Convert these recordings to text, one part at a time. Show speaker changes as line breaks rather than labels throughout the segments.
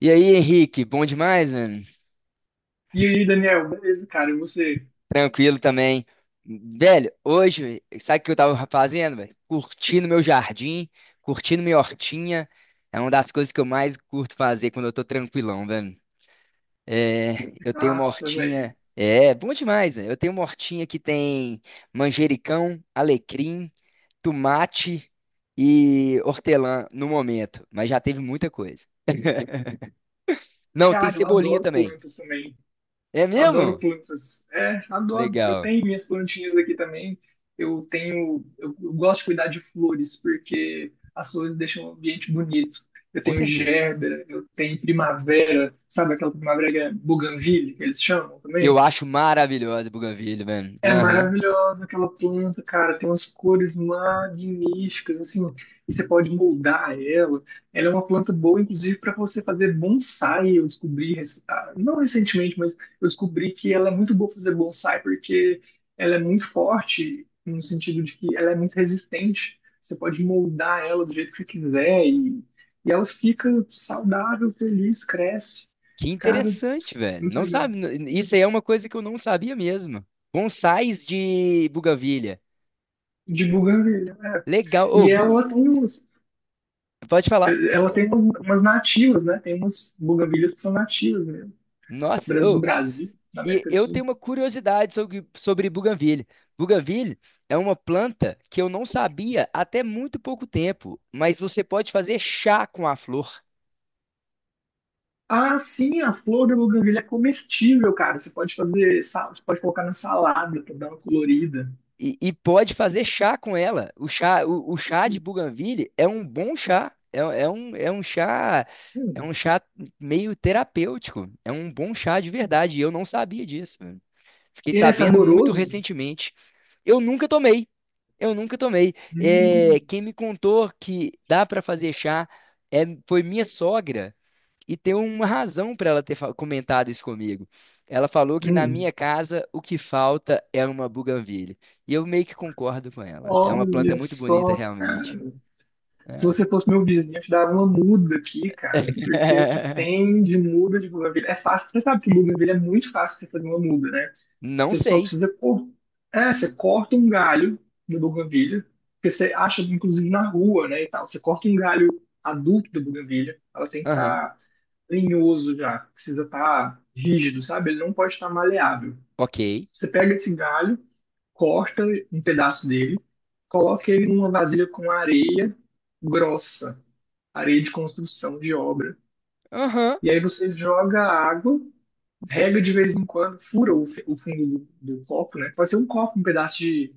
E aí, Henrique, bom demais, mano?
E aí, Daniel, beleza, cara? E você?
Tranquilo também. Velho, hoje, sabe o que eu tava fazendo, velho? Curtindo meu jardim, curtindo minha hortinha. É uma das coisas que eu mais curto fazer quando eu tô tranquilão, velho. É, eu tenho uma
Nossa, velho.
hortinha. É, bom demais, velho. Eu tenho uma hortinha que tem manjericão, alecrim, tomate e hortelã no momento, mas já teve muita coisa. Não, tem
Cara, eu
cebolinha
adoro
também.
plantas também.
É
Eu adoro
mesmo?
plantas. É, adoro. Eu
Legal,
tenho minhas plantinhas aqui também. Eu tenho. Eu gosto de cuidar de flores, porque as flores deixam o ambiente bonito. Eu
com
tenho
certeza.
gerbera, eu tenho primavera, sabe aquela primavera que é buganvília, que eles chamam
Eu
também?
acho maravilhosa Buganvília, velho.
É
Aham.
maravilhosa aquela planta, cara. Tem umas cores magníficas, assim, e você pode moldar ela. Ela é uma planta boa, inclusive, para você fazer bonsai. Eu descobri, não recentemente, mas eu descobri que ela é muito boa pra fazer bonsai, porque ela é muito forte, no sentido de que ela é muito resistente. Você pode moldar ela do jeito que você quiser, e ela fica saudável, feliz, cresce.
Que
Cara,
interessante, velho.
muito
Não
legal.
sabe, isso aí é uma coisa que eu não sabia mesmo. Bonsais de Buganvília.
De buganvília, é.
Legal. Ô,
E ela tem uns
pode falar?
ela tem umas, umas nativas, né? Tem umas buganvilhas que são nativas mesmo,
Nossa,
do
ô,
Brasil, da
e
América do
eu tenho
Sul.
uma curiosidade sobre Buganvília. Buganvília é uma planta que eu não sabia até muito pouco tempo, mas você pode fazer chá com a flor.
Ah, sim, a flor da buganvília é comestível, cara. Você pode fazer, você pode colocar na salada para dar uma colorida.
E pode fazer chá com ela. O chá, o chá de Bougainville é um bom chá. É um
Hum.
chá meio terapêutico. É um bom chá de verdade. E eu não sabia disso, mano. Fiquei
E é
sabendo muito
saboroso?
recentemente. Eu nunca tomei. Eu nunca tomei. É,
Hum,
quem me contou que dá para fazer chá foi minha sogra. E tem uma razão para ela ter comentado isso comigo. Ela falou que na
hum.
minha casa o que falta é uma buganvília. E eu meio que concordo com ela. É uma planta
Olha
muito bonita,
só,
realmente.
cara. Se
É.
você fosse meu vizinho, eu te dava uma muda aqui, cara, porque o que tem de muda de bougainville é fácil. Você sabe que bougainville é muito fácil você fazer uma muda, né?
Não
Você só
sei.
precisa cor... é, você corta um galho do bougainville, que você acha inclusive na rua, né, e tal. Você corta um galho adulto da bougainville, ela tem que
Aham.
estar tá lenhoso já, precisa estar rígido, sabe? Ele não pode estar maleável.
Ok.
Você pega esse galho, corta um pedaço dele, coloca ele numa vasilha com areia grossa, areia de construção, de obra.
Aham.
E aí você joga a água, rega de vez em quando, fura o, o fundo do, do copo, né? Pode ser um copo, um pedaço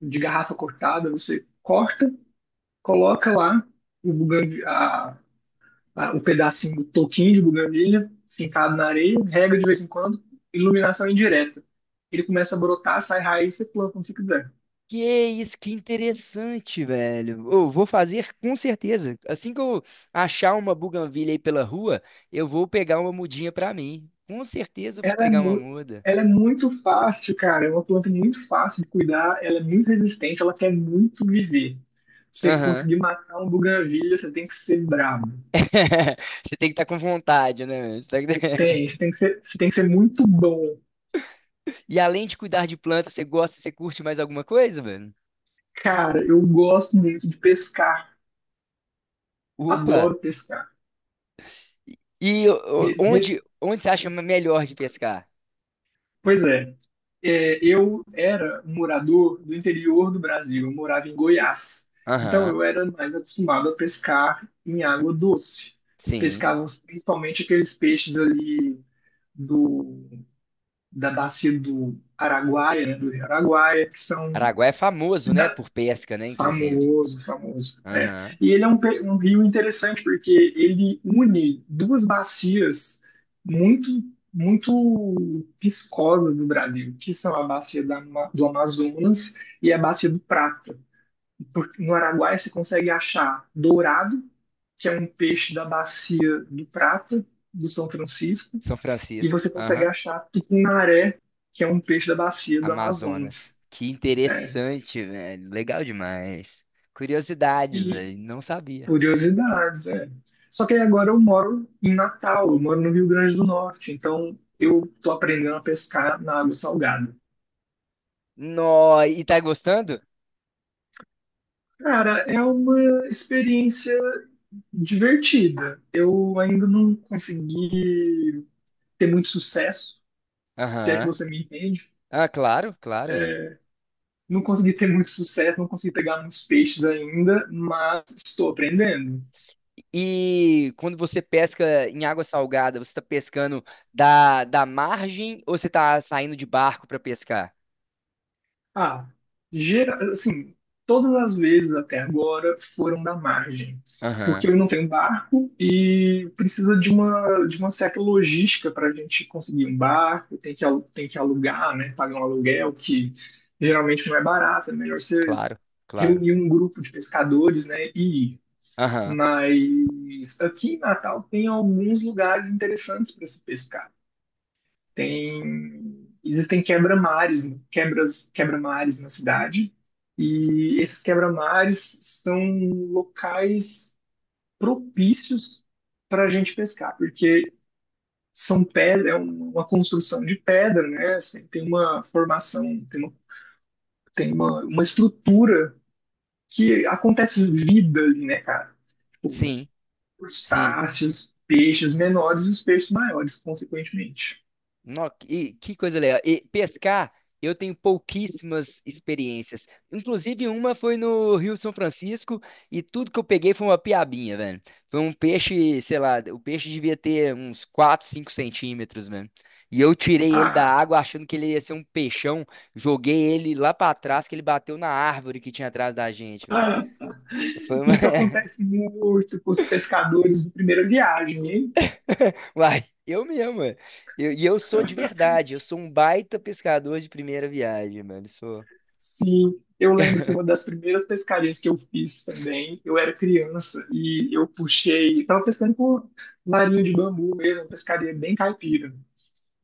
de garrafa cortada, você corta, coloca lá o, o pedacinho do toquinho de buganvília fincado na areia, rega de vez em quando, iluminação indireta. Ele começa a brotar, sai raiz, você planta como você quiser.
Que isso, que interessante, velho. Eu vou fazer com certeza. Assim que eu achar uma buganvília aí pela rua, eu vou pegar uma mudinha pra mim. Com certeza eu vou
Ela é,
pegar uma
mu
muda.
Ela é muito fácil, cara. É uma planta muito fácil de cuidar. Ela é muito resistente. Ela quer muito viver. Você
Aham.
conseguir matar um buganvília, você tem que ser brabo.
Você tem que estar com vontade, né, mano? Você tá-
Tem, você tem que ser, você tem que ser muito bom.
E além de cuidar de planta, você curte mais alguma coisa, mano?
Cara, eu gosto muito de pescar.
Opa!
Adoro pescar.
E ô, onde, onde você acha melhor de pescar?
Pois é, é, eu era um morador do interior do Brasil, eu morava em Goiás. Então
Aham,
eu era mais acostumado a pescar em água doce.
sim.
Pescávamos principalmente aqueles peixes ali do, da bacia do Araguaia, né, do Rio Araguaia, que são
Araguá é
que
famoso, né?
dá
Por pesca, né? Inclusive.
famoso, famoso. É.
Aham.
E ele é um, um rio interessante porque ele une duas bacias muito, muito viscosas do Brasil, que são a bacia da do Amazonas e a bacia do Prata. No Araguaia você consegue achar dourado, que é um peixe da bacia do Prata, do São Francisco,
São
e
Francisco.
você consegue
Aham.
achar tucunaré, que é um peixe da bacia do
Amazonas.
Amazonas.
Que
É.
interessante, velho. Legal demais. Curiosidades, velho. Não sabia.
Curiosidades, é. Só que aí agora eu moro em Natal, eu moro no Rio Grande do Norte, então eu tô aprendendo a pescar na água salgada.
Nó, e tá gostando?
Cara, é uma experiência divertida. Eu ainda não consegui ter muito sucesso, se é que
Aham.
você me entende.
Ah, claro, claro, é.
Não consegui ter muito sucesso, não consegui pegar muitos peixes ainda, mas estou aprendendo.
E quando você pesca em água salgada, você está pescando da margem ou você está saindo de barco para pescar?
Ah, gera, assim, todas as vezes até agora foram da margem,
Aham,
porque eu não tenho barco e precisa de uma certa logística para a gente conseguir um barco, tem que, tem que alugar, né, pagar um aluguel que geralmente não é barato, é melhor você
claro, claro.
reunir um grupo de pescadores, né, e ir.
Aham,
Mas aqui em Natal tem alguns lugares interessantes para se pescar tem existem quebra-mares, quebras, quebra-mares na cidade, e esses quebra-mares são locais propícios para a gente pescar, porque são pedra, é uma construção de pedra, né? Assim, tem uma formação, tem uma estrutura que acontece vida ali, né, cara? Tipo,
sim, sim.
crustáceos, peixes menores e os peixes maiores, consequentemente.
Nó e que coisa legal. E pescar, eu tenho pouquíssimas experiências. Inclusive, uma foi no Rio São Francisco e tudo que eu peguei foi uma piabinha, velho. Foi um peixe, sei lá, o peixe devia ter uns 4, 5 centímetros, velho. E eu tirei ele da
Ah,
água achando que ele ia ser um peixão. Joguei ele lá pra trás, que ele bateu na árvore que tinha atrás da gente, velho.
ah,
Foi uma.
isso acontece muito com os pescadores de primeira viagem, hein?
Uai, eu mesmo, velho. E eu, sou de verdade, eu sou um baita pescador de primeira viagem, mano. Sou.
Sim, eu lembro que uma das primeiras pescarias que eu fiz também, eu era criança e eu puxei, estava pescando com larinha de bambu mesmo, uma pescaria bem caipira.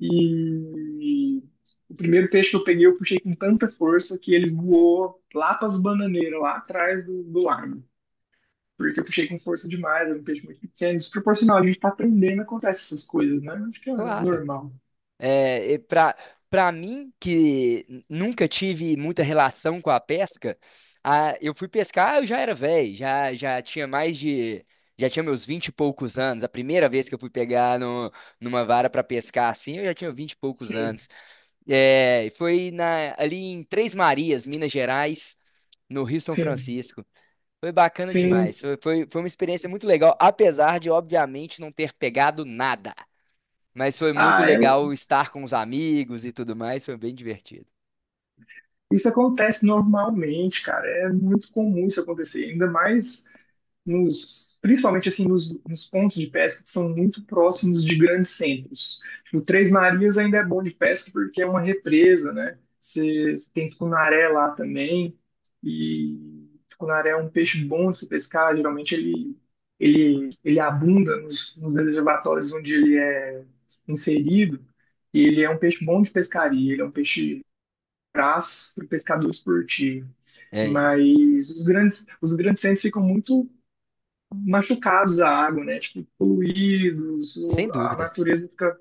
E o primeiro peixe que eu peguei, eu puxei com tanta força que ele voou lá para as bananeiras, lá atrás do, do lago. Porque eu puxei com força demais, era um peixe muito pequeno, desproporcional. A gente está aprendendo, acontece essas coisas, né? Acho que é
Claro.
normal.
É, e pra mim, que nunca tive muita relação com a pesca, eu fui pescar, eu já era velho, já tinha mais de. Já tinha meus vinte e poucos anos. A primeira vez que eu fui pegar no, numa vara pra pescar assim, eu já tinha vinte e poucos
Sim.
anos. É, e foi ali em Três Marias, Minas Gerais, no Rio São
Sim,
Francisco. Foi bacana
sim.
demais. Foi uma experiência muito legal, apesar de, obviamente, não ter pegado nada. Mas foi muito
Ah, é-
legal estar com os amigos e tudo mais, foi bem divertido.
isso acontece normalmente, cara. É muito comum isso acontecer. Ainda mais nos, principalmente assim nos, nos pontos de pesca que são muito próximos de grandes centros. O Três Marias ainda é bom de pesca porque é uma represa, né? Você tem tucunaré lá também e tucunaré é um peixe bom de se pescar. Geralmente ele ele abunda nos, nos reservatórios onde ele é inserido. E ele é um peixe bom de pescaria. Ele é um peixe praça para o pescador esportivo
É,
mas os grandes centros ficam muito machucados à água, né? Tipo, poluídos,
sem
ou a
dúvida.
natureza fica,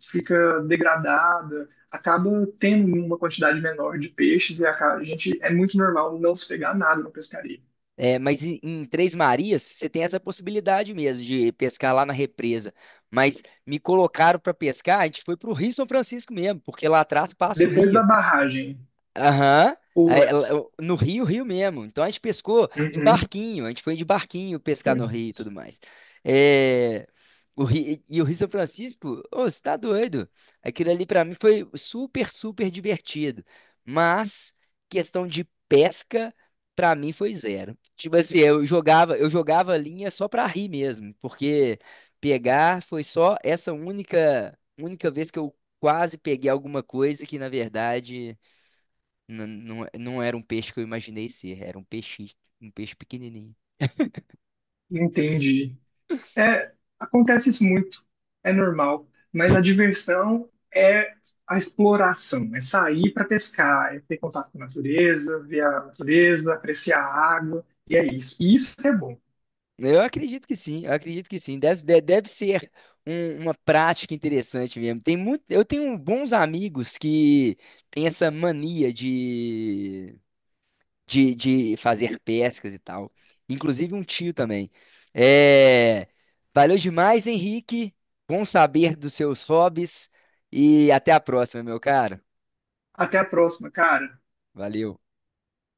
fica degradada, acaba tendo uma quantidade menor de peixes e a gente é muito normal não se pegar nada na pescaria.
É, mas em Três Marias, você tem essa possibilidade mesmo de pescar lá na represa. Mas me colocaram para pescar, a gente foi para o Rio São Francisco mesmo, porque lá atrás passa o
Depois da
rio.
barragem,
Aham.
ou
Aí
antes.
no Rio, Rio mesmo. Então a gente pescou em
Uhum,
barquinho, a gente foi de barquinho pescar no
sim,
Rio e tudo mais. É, o Ri- e o Rio São Francisco, ô, você tá doido? Aquilo ali pra mim foi super, super divertido. Mas questão de pesca, pra mim foi zero. Tipo assim, eu jogava a linha só pra rir mesmo, porque pegar foi só essa única, única vez que eu quase peguei alguma coisa que na verdade. Não, não, não era um peixe que eu imaginei ser, era um peixe pequenininho.
entendi. É, acontece isso muito, é normal, mas a diversão é a exploração, é sair para pescar, é ter contato com a natureza, ver a natureza, apreciar a água, e é isso. E isso que é bom.
Eu acredito que sim, eu acredito que sim. Deve ser uma prática interessante mesmo. Tem muito, eu tenho bons amigos que têm essa mania de, fazer pescas e tal. Inclusive um tio também. É, valeu demais, Henrique. Bom saber dos seus hobbies e até a próxima, meu caro.
Até a próxima, cara.
Valeu.